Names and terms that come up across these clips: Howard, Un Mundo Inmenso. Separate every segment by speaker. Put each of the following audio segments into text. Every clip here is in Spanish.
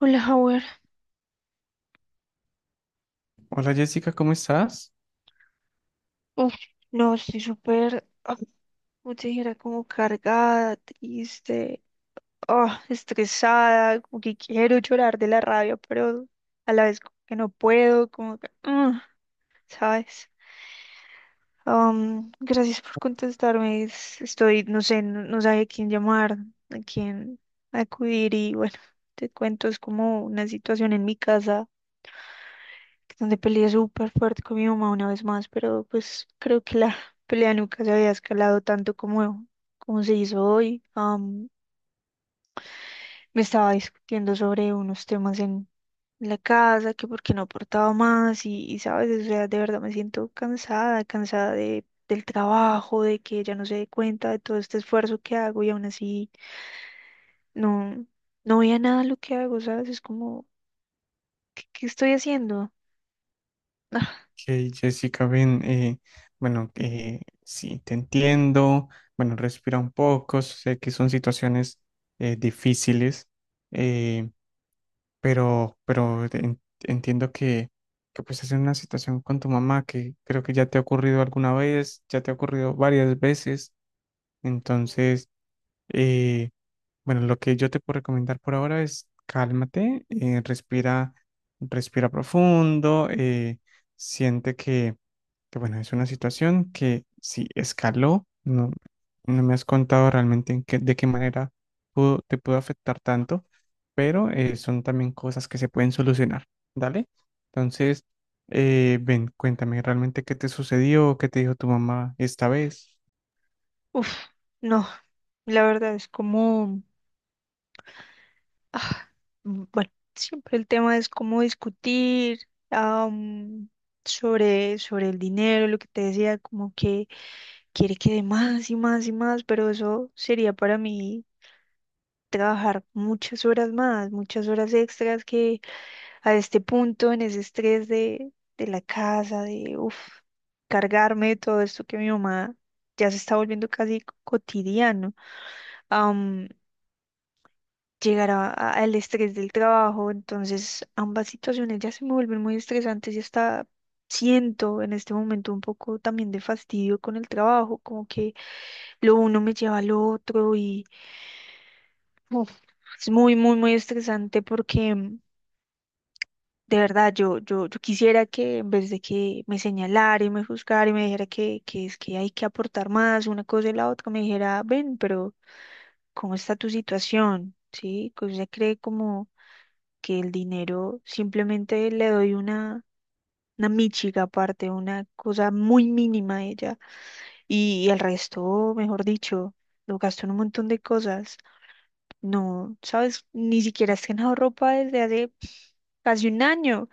Speaker 1: Hola, Howard.
Speaker 2: Hola Jessica, ¿cómo estás?
Speaker 1: Uf, no, estoy súper, como te dijera, como cargada, triste, estresada, como que quiero llorar de la rabia, pero a la vez como que no puedo, como que, ¿sabes? Gracias por contestarme. Estoy, no sé, no, no sabía a quién llamar, a quién acudir y bueno, te cuento, es como una situación en mi casa, donde peleé súper fuerte con mi mamá una vez más, pero pues creo que la pelea nunca se había escalado tanto como se hizo hoy. Me estaba discutiendo sobre unos temas en la casa, que por qué no aportaba más sabes, o sea, de verdad me siento cansada, cansada de, del trabajo, de que ella no se dé cuenta de todo este esfuerzo que hago y aún así no, no veía nada lo que hago, ¿sabes? Es como, ¿qué estoy haciendo? Ah,
Speaker 2: Ok, Jessica, ven, bueno, sí, te entiendo, bueno, respira un poco, sé que son situaciones difíciles. eh, entiendo que pues es una situación con tu mamá que creo que ya te ha ocurrido alguna vez, ya te ha ocurrido varias veces, entonces, eh, bueno, lo que yo te puedo recomendar por ahora es cálmate, respira, respira profundo, siente que, bueno, es una situación que sí escaló. No, no me has contado realmente de qué manera te pudo afectar tanto, pero son también cosas que se pueden solucionar, ¿dale? Entonces, ven, cuéntame realmente qué te sucedió, qué te dijo tu mamá esta vez.
Speaker 1: uf, no, la verdad es como Ah, bueno, siempre el tema es cómo discutir am, sobre el dinero, lo que te decía, como que quiere que dé más y más y más, pero eso sería para mí trabajar muchas horas más, muchas horas extras que a este punto, en ese estrés de la casa, de uf, cargarme de todo esto que mi mamá ya se está volviendo casi cotidiano. Llegar al estrés del trabajo. Entonces, ambas situaciones ya se me vuelven muy estresantes y hasta siento en este momento un poco también de fastidio con el trabajo, como que lo uno me lleva al otro y uf, es muy, muy, muy estresante porque de verdad yo quisiera que en vez de que me señalara y me juzgara y me dijera que es que hay que aportar más una cosa y la otra, me dijera, ven, pero ¿cómo está tu situación? ¿Sí? Que usted cree como que el dinero simplemente le doy una míchiga aparte, una cosa muy mínima a ella y el resto, mejor dicho, lo gasto en un montón de cosas. No, sabes, ni siquiera has ganado ropa desde hace casi un año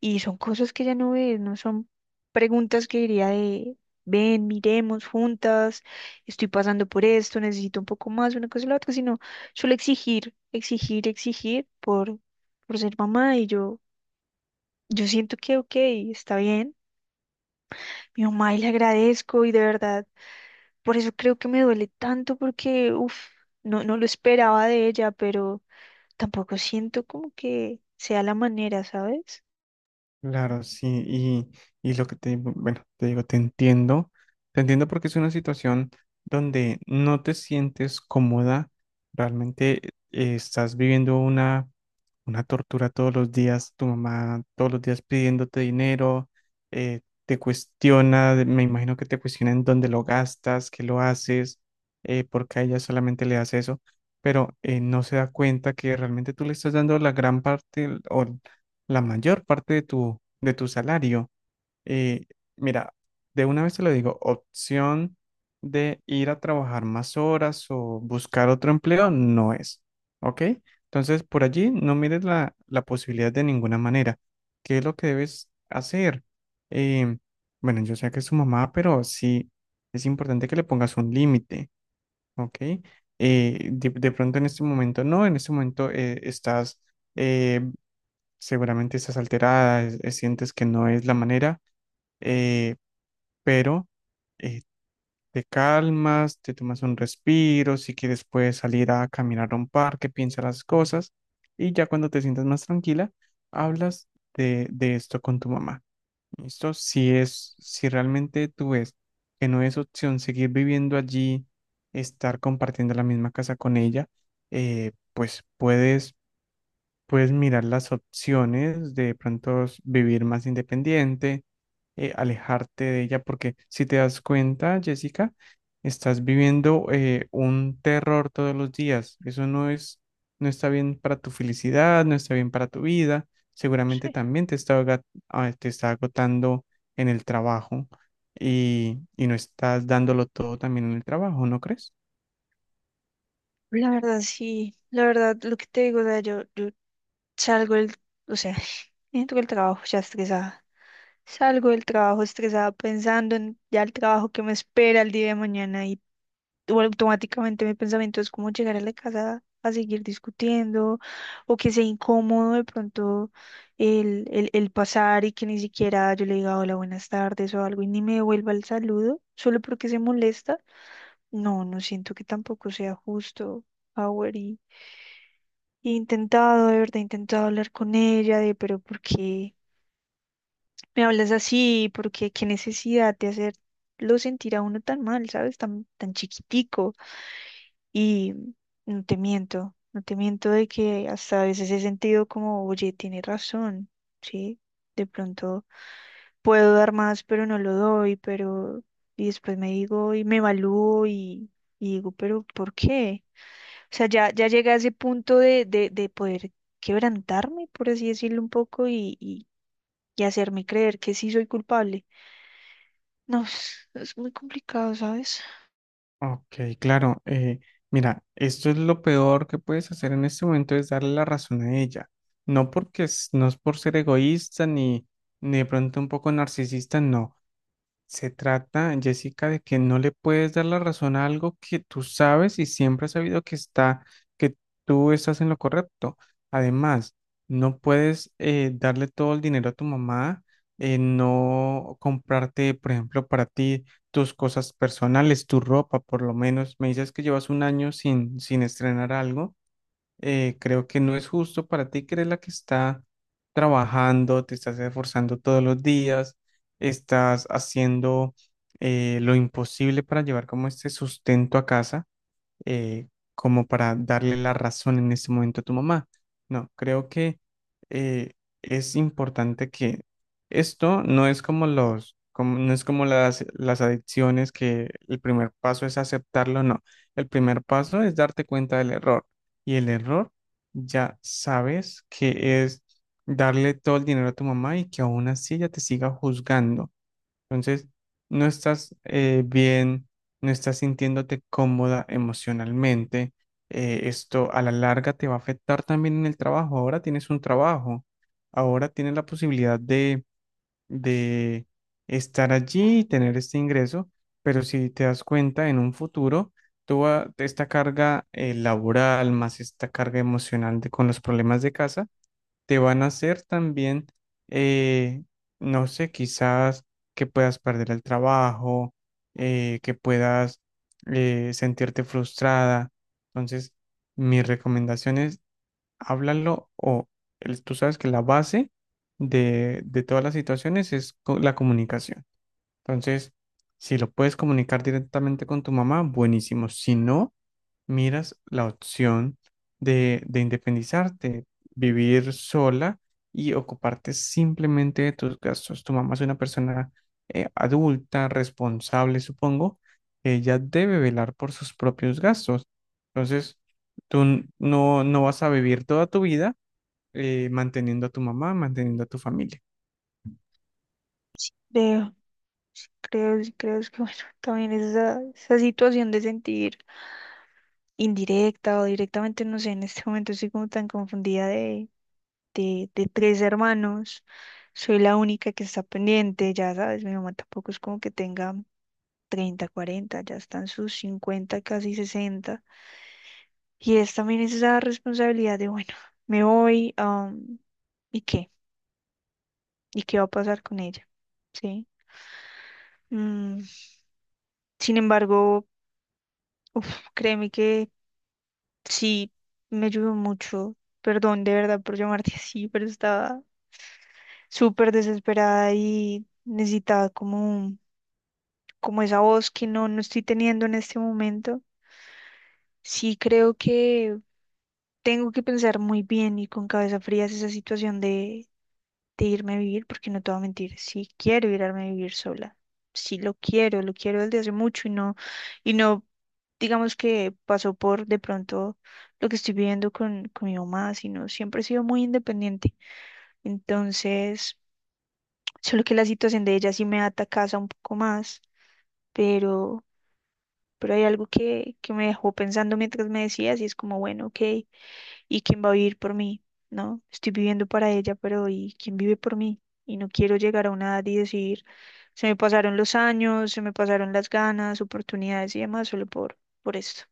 Speaker 1: y son cosas que ya no ves, no son preguntas que diría de ven, miremos juntas, estoy pasando por esto, necesito un poco más, una cosa y la otra, sino solo exigir, exigir, exigir por ser mamá y yo siento que, ok, está bien. Mi mamá y le agradezco y de verdad, por eso creo que me duele tanto porque, uff, no, no lo esperaba de ella, pero tampoco siento como que sea la manera, ¿sabes?
Speaker 2: Claro, sí, y lo que te digo, bueno, te digo, te entiendo porque es una situación donde no te sientes cómoda, realmente estás viviendo una tortura todos los días, tu mamá todos los días pidiéndote dinero. eh, Te cuestiona, me imagino que te cuestiona en dónde lo gastas, qué lo haces, porque a ella solamente le das eso, pero no se da cuenta que realmente tú le estás dando la gran parte o la mayor parte de tu salario. Eh, Mira, de una vez te lo digo, opción de ir a trabajar más horas o buscar otro empleo no es, ¿ok? Entonces, por allí no mires la, la posibilidad de ninguna manera. ¿Qué es lo que debes hacer? Em, bueno, yo sé que es tu mamá, pero sí es importante que le pongas un límite, ¿ok? De pronto en este momento no, en este momento estás... eh, seguramente estás alterada, sientes que no es la manera, eh, pero eh, te calmas, te tomas un respiro, si quieres puedes salir a caminar a un parque, piensa las cosas y ya cuando te sientas más tranquila, hablas de esto con tu mamá. ¿Listo? Si es, si realmente tú ves que no es opción seguir viviendo allí, estar compartiendo la misma casa con ella, pues puedes mirar las opciones de pronto vivir más independiente, alejarte de ella, porque si te das cuenta, Jessica, estás viviendo un terror todos los días. Eso no es, no está bien para tu felicidad, no está bien para tu vida. Seguramente
Speaker 1: Sí.
Speaker 2: también te está, te está agotando en el trabajo y no estás dándolo todo también en el trabajo, ¿no crees?
Speaker 1: La verdad, sí, la verdad, lo que te digo, o sea, yo salgo del, o sea, entro del trabajo ya estresada. Salgo del trabajo estresada pensando en ya el trabajo que me espera el día de mañana y o automáticamente mi pensamiento es como llegar a la casa a seguir discutiendo o que sea incómodo de pronto el pasar y que ni siquiera yo le diga hola, buenas tardes o algo y ni me devuelva el saludo solo porque se molesta. No, no siento que tampoco sea justo, Howard, y he intentado, de verdad, he intentado hablar con ella de, pero ¿por qué? Me hablas así porque qué necesidad de hacerlo sentir a uno tan mal, ¿sabes? Tan, tan chiquitico. Y no te miento, no te miento de que hasta a veces he sentido como, oye, tiene razón, ¿sí? De pronto puedo dar más, pero no lo doy, pero y después me digo y me evalúo digo, pero ¿por qué? O sea, ya, ya llegué a ese punto de poder quebrantarme, por así decirlo un poco, hacerme creer que sí soy culpable. No, es muy complicado, ¿sabes?
Speaker 2: Ok, claro. Mira, esto es lo peor que puedes hacer en este momento es darle la razón a ella. No porque no es por ser egoísta ni, ni de pronto un poco narcisista, no. Se trata, Jessica, de que no le puedes dar la razón a algo que tú sabes y siempre has sabido que está, que tú estás en lo correcto. Además, no puedes darle todo el dinero a tu mamá, no comprarte, por ejemplo, para ti tus cosas personales, tu ropa, por lo menos. Me dices que llevas un año sin, sin estrenar algo. Creo que no es justo para ti, que eres la que está trabajando, te estás esforzando todos los días, estás haciendo lo imposible para llevar como este sustento a casa eh, como para darle la razón en ese momento a tu mamá. No, creo que eh, es importante que esto no es como los, como, no es como las adicciones que el primer paso es aceptarlo, no. El primer paso es darte cuenta del error, y el error ya sabes que es darle todo el dinero a tu mamá y que aún así ella te siga juzgando. Entonces, no estás bien, no estás sintiéndote cómoda emocionalmente. Esto a la larga te va a afectar también en el trabajo. Ahora tienes un trabajo, ahora tienes la posibilidad de estar allí y tener este ingreso, pero si te das cuenta en un futuro, esta carga laboral más esta carga emocional de, con los problemas de casa te van a hacer también, eh, no sé, quizás que puedas perder el trabajo, que puedas sentirte frustrada. Entonces, mi recomendación es háblalo o tú sabes que la base de todas las situaciones es la comunicación. Entonces, si lo puedes comunicar directamente con tu mamá, buenísimo. Si no, miras la opción de independizarte, vivir sola y ocuparte simplemente de tus gastos. Tu mamá es una persona adulta, responsable, supongo. Ella debe velar por sus propios gastos. Entonces, no, no vas a vivir toda tu vida manteniendo a tu mamá, manteniendo a tu familia.
Speaker 1: Veo, creo, creo es que, bueno, también esa situación de sentir indirecta o directamente, no sé, en este momento estoy como tan confundida de tres hermanos, soy la única que está pendiente, ya sabes, mi mamá tampoco es como que tenga 30, 40, ya están sus 50, casi 60, y es también esa responsabilidad de, bueno, me voy, ¿y qué? ¿Y qué va a pasar con ella? ¿Sí? Mm, sin embargo, uf, créeme que sí me ayudó mucho. Perdón de verdad por llamarte así, pero estaba súper desesperada y necesitaba como, como esa voz que no, no estoy teniendo en este momento. Sí, creo que tengo que pensar muy bien y con cabeza fría es esa situación de irme a vivir, porque no te voy a mentir, sí quiero irme a vivir sola, sí lo quiero desde hace mucho y no, digamos que pasó por de pronto lo que estoy viviendo con mi mamá, sino siempre he sido muy independiente. Entonces, solo que la situación de ella sí me ata casa un poco más, pero, hay algo que me dejó pensando mientras me decías y es como, bueno, ok, ¿y quién va a vivir por mí? ¿No? Estoy viviendo para ella, pero ¿y quién vive por mí? Y no quiero llegar a una edad y decir, se me pasaron los años, se me pasaron las ganas, oportunidades y demás solo por esto.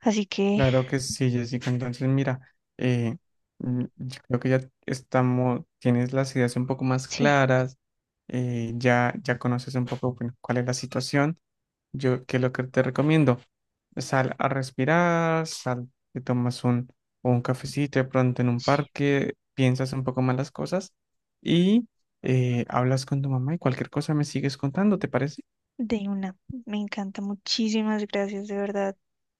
Speaker 1: Así que
Speaker 2: Claro que sí, Jessica. Entonces, mira, eh, yo creo que ya estamos, tienes las ideas un poco más
Speaker 1: sí,
Speaker 2: claras, ya, ya conoces un poco, bueno, cuál es la situación. Yo, ¿qué es lo que te recomiendo? Sal a respirar, sal, te tomas un cafecito de pronto en un
Speaker 1: sí,
Speaker 2: parque, piensas un poco más las cosas y hablas con tu mamá y cualquier cosa me sigues contando, ¿te parece?
Speaker 1: de una. Me encanta. Muchísimas gracias, de verdad.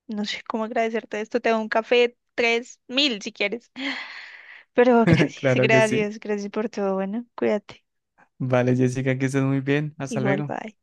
Speaker 1: No sé cómo agradecerte esto. Te doy un café, 3000 si quieres. Pero gracias,
Speaker 2: Claro que sí.
Speaker 1: gracias, gracias por todo. Bueno, cuídate.
Speaker 2: Vale, Jessica, que estés muy bien. Hasta
Speaker 1: Igual,
Speaker 2: luego.
Speaker 1: bye.